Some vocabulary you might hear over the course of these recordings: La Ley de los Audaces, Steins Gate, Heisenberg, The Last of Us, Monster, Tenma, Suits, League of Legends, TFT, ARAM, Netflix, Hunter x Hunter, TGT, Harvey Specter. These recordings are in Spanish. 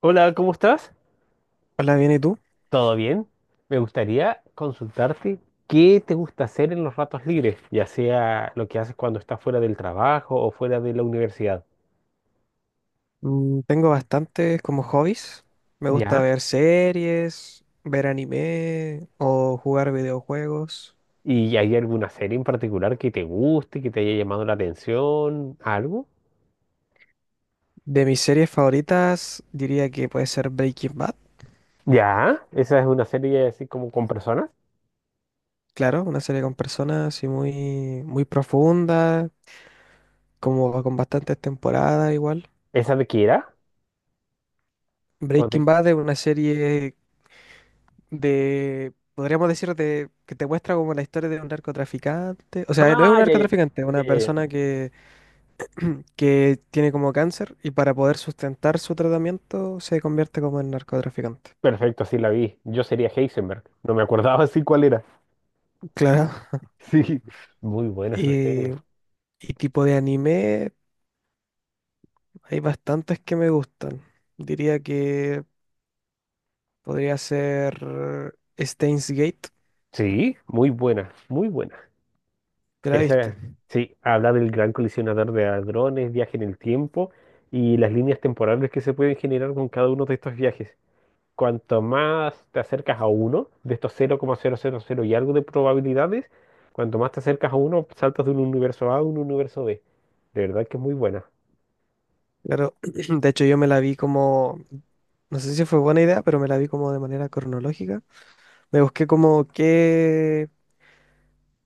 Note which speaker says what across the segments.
Speaker 1: Hola, ¿cómo estás?
Speaker 2: Hola, bien, ¿y tú?
Speaker 1: ¿Todo bien? Me gustaría consultarte qué te gusta hacer en los ratos libres, ya sea lo que haces cuando estás fuera del trabajo o fuera de la universidad.
Speaker 2: Tengo bastantes como hobbies. Me gusta
Speaker 1: ¿Ya?
Speaker 2: ver series, ver anime o jugar videojuegos.
Speaker 1: ¿Y hay alguna serie en particular que te guste, que te haya llamado la atención? ¿Algo?
Speaker 2: De mis series favoritas diría que puede ser Breaking Bad.
Speaker 1: ¿Ya? ¿Esa es una serie así como con personas?
Speaker 2: Claro, una serie con personas así muy, muy profunda, como con bastantes temporadas igual.
Speaker 1: ¿Esa de Kira? ¿O de...
Speaker 2: Breaking Bad es una serie de, podríamos decir, de, que te muestra como la historia de un narcotraficante. O sea, no es un
Speaker 1: Ah, ya, ya,
Speaker 2: narcotraficante, es
Speaker 1: ya,
Speaker 2: una
Speaker 1: ya, ya.
Speaker 2: persona que que tiene como cáncer y para poder sustentar su tratamiento se convierte como en narcotraficante.
Speaker 1: Perfecto, sí la vi. Yo sería Heisenberg. No me acordaba así cuál era.
Speaker 2: Claro.
Speaker 1: Sí, muy buena esa serie.
Speaker 2: Y, y tipo de anime, hay bastantes que me gustan. Diría que podría ser Steins Gate,
Speaker 1: Sí, muy buena, muy buena.
Speaker 2: ¿te la viste?
Speaker 1: Esa, sí, habla del gran colisionador de hadrones, viaje en el tiempo y las líneas temporales que se pueden generar con cada uno de estos viajes. Cuanto más te acercas a uno de estos cero coma cero y algo de probabilidades, cuanto más te acercas a uno, saltas de un universo A a un universo B. De verdad que es muy buena.
Speaker 2: Claro, de hecho yo me la vi como, no sé si fue buena idea, pero me la vi como de manera cronológica. Me busqué como qué,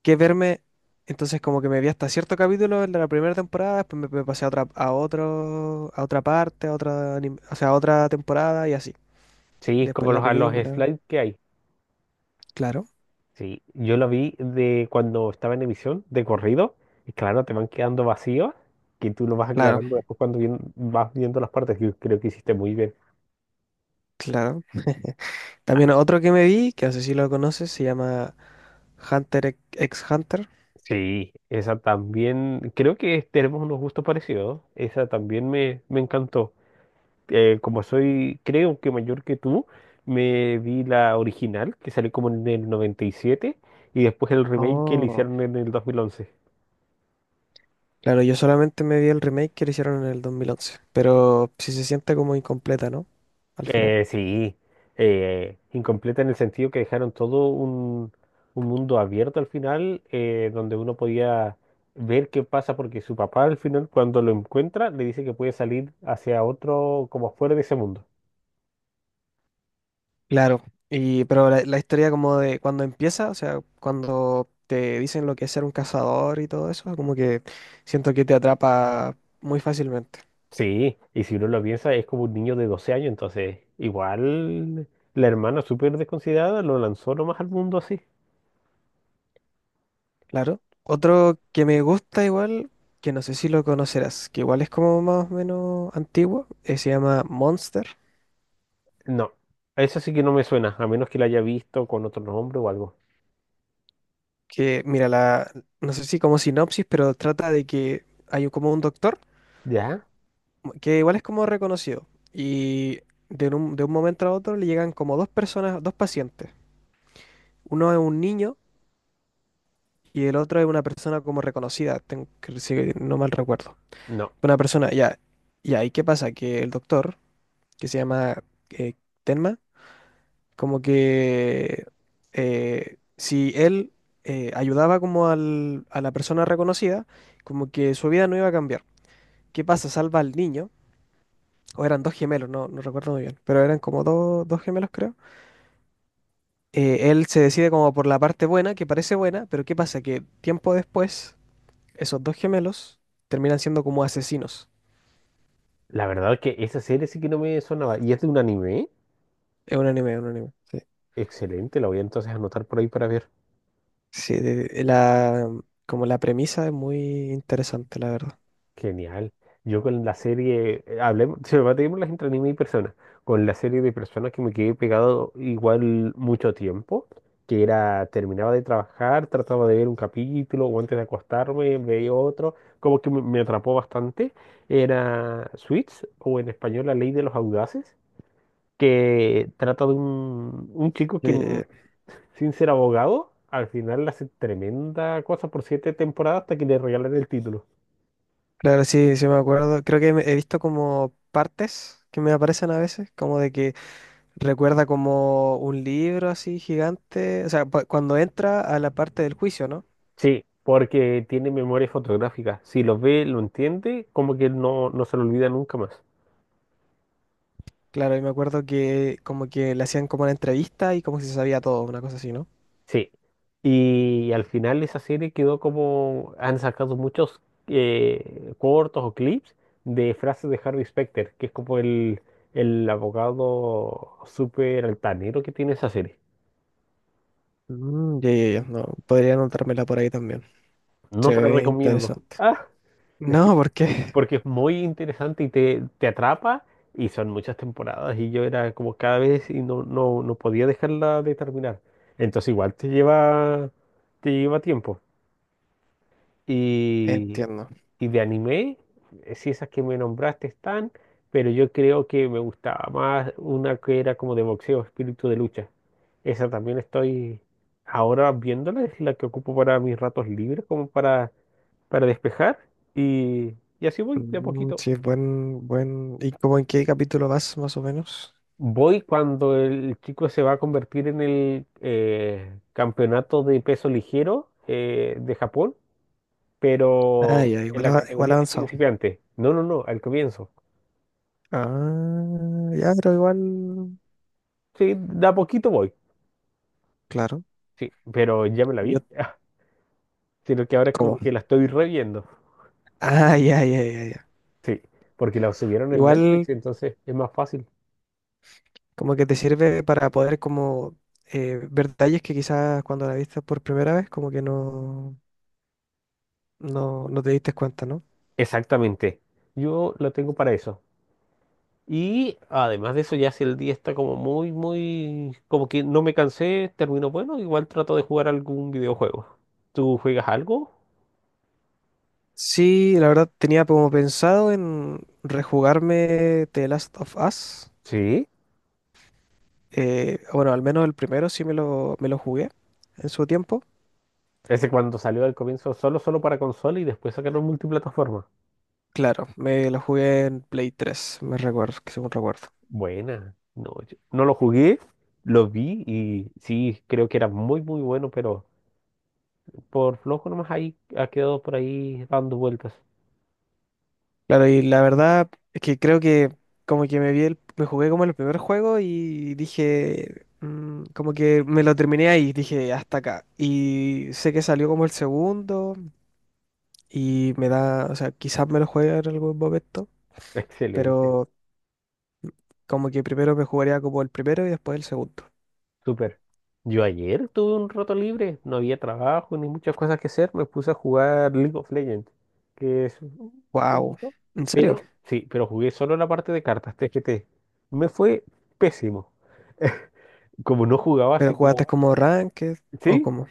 Speaker 2: qué verme. Entonces como que me vi hasta cierto capítulo el de la primera temporada, después me pasé a otra, a otro, a otra parte, a otra, o sea, a otra temporada y así.
Speaker 1: Sí, es
Speaker 2: Después
Speaker 1: como
Speaker 2: la
Speaker 1: los, a los
Speaker 2: película.
Speaker 1: slides que hay.
Speaker 2: Claro,
Speaker 1: Sí, yo lo vi de cuando estaba en emisión, de corrido, y claro, te van quedando vacíos, que tú lo vas
Speaker 2: claro,
Speaker 1: aclarando después cuando vas viendo las partes, que creo que hiciste muy bien.
Speaker 2: claro.
Speaker 1: Ah,
Speaker 2: También otro que me vi, que no sé si lo conoces, se llama Hunter ex ex Hunter.
Speaker 1: sí, esa también, creo que tenemos unos gustos parecidos, esa también me encantó. Como soy, creo que mayor que tú, me vi la original, que salió como en el 97 y después el remake que le
Speaker 2: Oh.
Speaker 1: hicieron en el 2011.
Speaker 2: Claro, yo solamente me vi el remake que le hicieron en el 2011, pero sí se siente como incompleta, ¿no? Al final.
Speaker 1: Sí, incompleta en el sentido que dejaron todo un mundo abierto al final, donde uno podía ver qué pasa, porque su papá al final cuando lo encuentra le dice que puede salir hacia otro, como fuera de ese mundo.
Speaker 2: Claro, y pero la historia como de cuando empieza, o sea, cuando te dicen lo que es ser un cazador y todo eso, como que siento que te atrapa muy fácilmente.
Speaker 1: Sí, y si uno lo piensa, es como un niño de 12 años, entonces igual la hermana súper desconsiderada lo lanzó nomás al mundo así.
Speaker 2: Claro. Otro que me gusta igual, que no sé si lo conocerás, que igual es como más o menos antiguo, se llama Monster,
Speaker 1: No, eso sí que no me suena, a menos que la haya visto con otro nombre o algo.
Speaker 2: que mira, no sé si como sinopsis, pero trata de que hay como un doctor,
Speaker 1: ¿Ya?
Speaker 2: que igual es como reconocido, y de un momento a otro le llegan como dos personas, dos pacientes. Uno es un niño y el otro es una persona como reconocida, tengo que, si no mal recuerdo.
Speaker 1: No.
Speaker 2: Una persona, ya. Y ahí, ¿qué pasa? Que el doctor, que se llama eh, Tenma, como que si él ayudaba como a la persona reconocida, como que su vida no iba a cambiar. ¿Qué pasa? Salva al niño, o eran dos gemelos, no recuerdo muy bien, pero eran como dos gemelos, creo, él se decide como por la parte buena, que parece buena, pero ¿qué pasa? Que tiempo después esos dos gemelos terminan siendo como asesinos.
Speaker 1: La verdad es que esa serie sí que no me sonaba. Y es de un anime.
Speaker 2: Es un anime, es un anime. Sí,
Speaker 1: Excelente, la voy a entonces anotar por ahí para ver.
Speaker 2: sí, la, como la premisa es muy interesante, la verdad.
Speaker 1: Genial. Yo con la serie, hablemos, se me va a tener las entre anime y personas. Con la serie de personas que me quedé pegado igual mucho tiempo, que era, terminaba de trabajar, trataba de ver un capítulo o antes de acostarme, veía otro, como que me atrapó bastante. Era Suits, o en español La Ley de los Audaces, que trata de un chico que
Speaker 2: Eh,
Speaker 1: sin ser abogado, al final hace tremenda cosa por 7 temporadas hasta que le regalan el título.
Speaker 2: claro, sí, sí me acuerdo. Creo que he visto como partes que me aparecen a veces, como de que recuerda como un libro así gigante, o sea, cuando entra a la parte del juicio, ¿no?
Speaker 1: Sí, porque tiene memoria fotográfica. Si lo ve, lo entiende, como que no, no se lo olvida nunca más.
Speaker 2: Claro, y me acuerdo que como que le hacían como una entrevista y como si se sabía todo, una cosa así, ¿no?
Speaker 1: Sí, y al final esa serie quedó como... Han sacado muchos cortos o clips de frases de Harvey Specter, que es como el abogado súper altanero que tiene esa serie.
Speaker 2: Ya, ya, ya, no, podría anotármela por ahí también.
Speaker 1: No
Speaker 2: Se
Speaker 1: te la
Speaker 2: ve
Speaker 1: recomiendo.
Speaker 2: interesante.
Speaker 1: Ah, es que
Speaker 2: No, ¿por qué?
Speaker 1: porque es muy interesante y te atrapa y son muchas temporadas y yo era como cada vez y no, no, no podía dejarla de terminar. Entonces igual te lleva tiempo. Y,
Speaker 2: Entiendo.
Speaker 1: y de anime, sí esas que me nombraste están, pero yo creo que me gustaba más una que era como de boxeo, espíritu de lucha. Esa también estoy ahora viéndola, es la que ocupo para mis ratos libres, como para despejar y así voy de a
Speaker 2: Mm,
Speaker 1: poquito.
Speaker 2: sí, buen, buen. ¿Y cómo en qué capítulo vas, más o menos?
Speaker 1: Voy cuando el chico se va a convertir en el campeonato de peso ligero de Japón,
Speaker 2: Ah,
Speaker 1: pero
Speaker 2: ya,
Speaker 1: en
Speaker 2: igual,
Speaker 1: la
Speaker 2: ava- igual
Speaker 1: categoría de
Speaker 2: avanzado.
Speaker 1: principiante. No, no, no, al comienzo.
Speaker 2: Ah, ya, pero igual.
Speaker 1: Sí, de a poquito voy.
Speaker 2: Claro.
Speaker 1: Sí, pero ya me la
Speaker 2: Yo,
Speaker 1: vi. Sino que ahora es
Speaker 2: ¿cómo?
Speaker 1: como que la estoy reviendo.
Speaker 2: Ah, ya, ya, ya, ya.
Speaker 1: Sí, porque la subieron en
Speaker 2: Igual,
Speaker 1: Netflix, entonces es más fácil.
Speaker 2: como que te sirve para poder, como, ver detalles que quizás cuando la viste por primera vez, como que no te diste cuenta, ¿no?
Speaker 1: Exactamente. Yo la tengo para eso. Y además de eso, ya si el día está como muy, muy, como que no me cansé, termino bueno, igual trato de jugar algún videojuego. ¿Tú juegas algo?
Speaker 2: Sí, la verdad tenía como pensado en rejugarme The Last of Us.
Speaker 1: Sí.
Speaker 2: Bueno, al menos el primero sí me lo jugué en su tiempo.
Speaker 1: Ese cuando salió al comienzo solo, solo para consola y después sacaron multiplataforma.
Speaker 2: Claro, me lo jugué en Play 3, me recuerdo, que según recuerdo.
Speaker 1: Buena. No, yo no lo jugué, lo vi y sí, creo que era muy, muy bueno, pero por flojo nomás ahí ha quedado por ahí dando vueltas.
Speaker 2: Claro, y la verdad es que creo que como que me jugué como el primer juego y dije, como que me lo terminé ahí, dije, hasta acá. Y sé que salió como el segundo y me da, o sea, quizás me lo juegue en algún momento,
Speaker 1: Excelente.
Speaker 2: pero como que primero me jugaría como el primero y después el segundo.
Speaker 1: Súper. Yo ayer tuve un rato libre, no había trabajo ni muchas cosas que hacer, me puse a jugar League of Legends, que es un
Speaker 2: Wow,
Speaker 1: jueguito.
Speaker 2: ¿en serio?
Speaker 1: Sí, pero jugué solo la parte de cartas TGT. Me fue pésimo. Como no jugaba así
Speaker 2: ¿Pero
Speaker 1: como,
Speaker 2: jugaste como ranked o
Speaker 1: sí,
Speaker 2: como?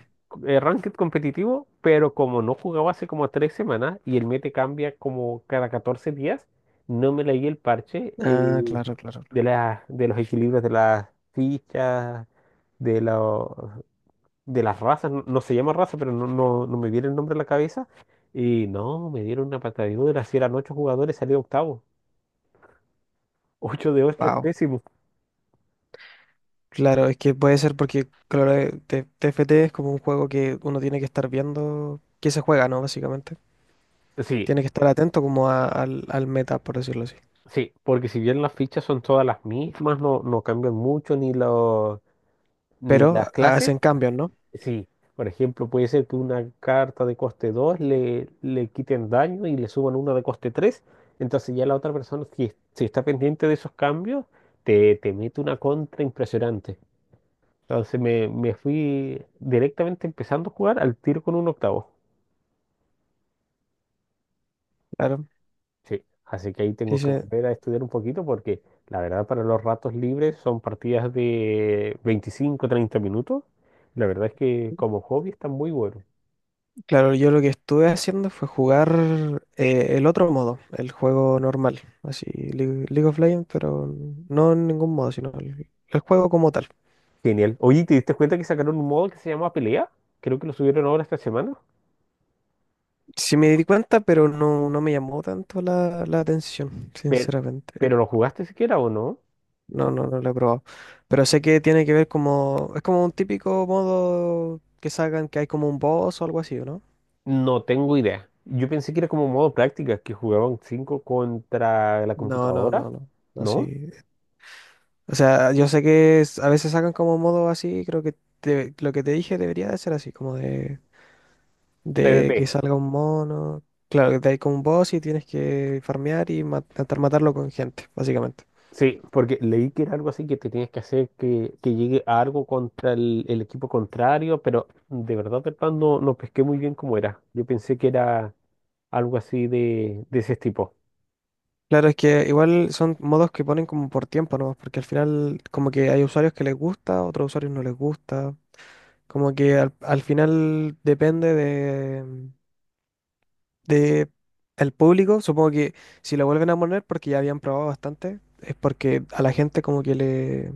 Speaker 1: ranked competitivo, pero como no jugaba hace como 3 semanas y el meta cambia como cada 14 días, no me leí el parche
Speaker 2: Ah, claro, claro, claro.
Speaker 1: de los equilibrios de las fichas, de los de las razas, no, no se llama raza, pero no, no, no me viene el nombre a la cabeza. Y no, me dieron una patadura, si eran ocho jugadores, salió octavo. Ocho de ocho es
Speaker 2: Wow.
Speaker 1: pésimo.
Speaker 2: Claro, es que puede ser porque, claro, TFT es como un juego que uno tiene que estar viendo qué se juega, ¿no? Básicamente.
Speaker 1: Sí,
Speaker 2: Tiene que estar atento como al meta, por decirlo así.
Speaker 1: sí, porque si bien las fichas son todas las mismas, no, no cambian mucho ni
Speaker 2: Pero
Speaker 1: las clases.
Speaker 2: hacen cambios, ¿no?
Speaker 1: Sí, por ejemplo, puede ser que una carta de coste 2 le quiten daño y le suban una de coste tres. Entonces ya la otra persona, si, si está pendiente de esos cambios, te mete una contra impresionante. Entonces me fui directamente empezando a jugar al tiro con un octavo.
Speaker 2: Claro.
Speaker 1: Sí, así que ahí tengo que
Speaker 2: Dice,
Speaker 1: volver a estudiar un poquito porque la verdad para los ratos libres son partidas de 25 30 minutos. La verdad es que como hobby están muy buenos.
Speaker 2: claro, yo lo que estuve haciendo fue jugar el otro modo, el juego normal, así, League of Legends, pero no en ningún modo, sino el juego como tal.
Speaker 1: Genial. Oye, ¿te diste cuenta que sacaron un modo que se llama Pelea? Creo que lo subieron ahora esta semana.
Speaker 2: Sí me di cuenta, pero no, no, me llamó tanto la atención,
Speaker 1: Pero,
Speaker 2: sinceramente.
Speaker 1: ¿Pero lo jugaste siquiera o no?
Speaker 2: No, no, no lo he probado. Pero sé que tiene que ver como... Es como un típico modo que sacan que hay como un boss o algo así, ¿o no?
Speaker 1: No tengo idea. Yo pensé que era como modo práctica, que jugaban 5 contra la
Speaker 2: No, no,
Speaker 1: computadora,
Speaker 2: no, no. No,
Speaker 1: ¿no?
Speaker 2: sí. O sea, yo sé que a veces sacan como modo así, creo que lo que te dije debería de ser así, como de que
Speaker 1: PvP.
Speaker 2: salga un mono. Claro, que te hay como un boss y tienes que farmear y intentar matarlo con gente, básicamente.
Speaker 1: Sí, porque leí que era algo así que te tienes que hacer que llegue a algo contra el equipo contrario, pero de verdad, no, no pesqué muy bien cómo era. Yo pensé que era algo así de ese tipo.
Speaker 2: Claro, es que igual son modos que ponen como por tiempo, ¿no? Porque al final como que hay usuarios que les gusta, otros usuarios no les gusta. Como que al final depende de el público. Supongo que si lo vuelven a poner, porque ya habían probado bastante, es porque a la gente como que le,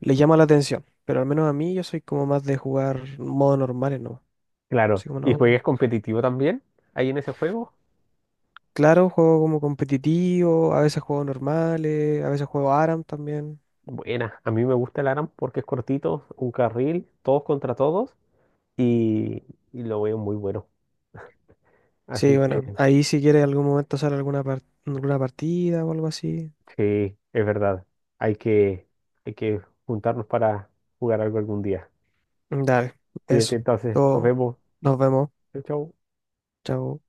Speaker 2: le llama la atención. Pero al menos a mí yo soy como más de jugar modos normales, ¿no?
Speaker 1: Claro,
Speaker 2: Así como
Speaker 1: ¿y
Speaker 2: no.
Speaker 1: juegas competitivo también ahí en ese juego?
Speaker 2: Claro, juego como competitivo, a veces juego normales, a veces juego ARAM también.
Speaker 1: Buena, a mí me gusta el ARAM porque es cortito, un carril, todos contra todos, y, y lo veo muy bueno.
Speaker 2: Sí,
Speaker 1: Así
Speaker 2: bueno,
Speaker 1: que
Speaker 2: ahí si quieres algún momento hacer alguna partida o algo así,
Speaker 1: sí, es verdad, hay que, hay que juntarnos para jugar algo algún día.
Speaker 2: dale,
Speaker 1: Cuídate
Speaker 2: eso.
Speaker 1: entonces, nos
Speaker 2: Todo,
Speaker 1: vemos.
Speaker 2: nos vemos.
Speaker 1: Chau, chau.
Speaker 2: Chao.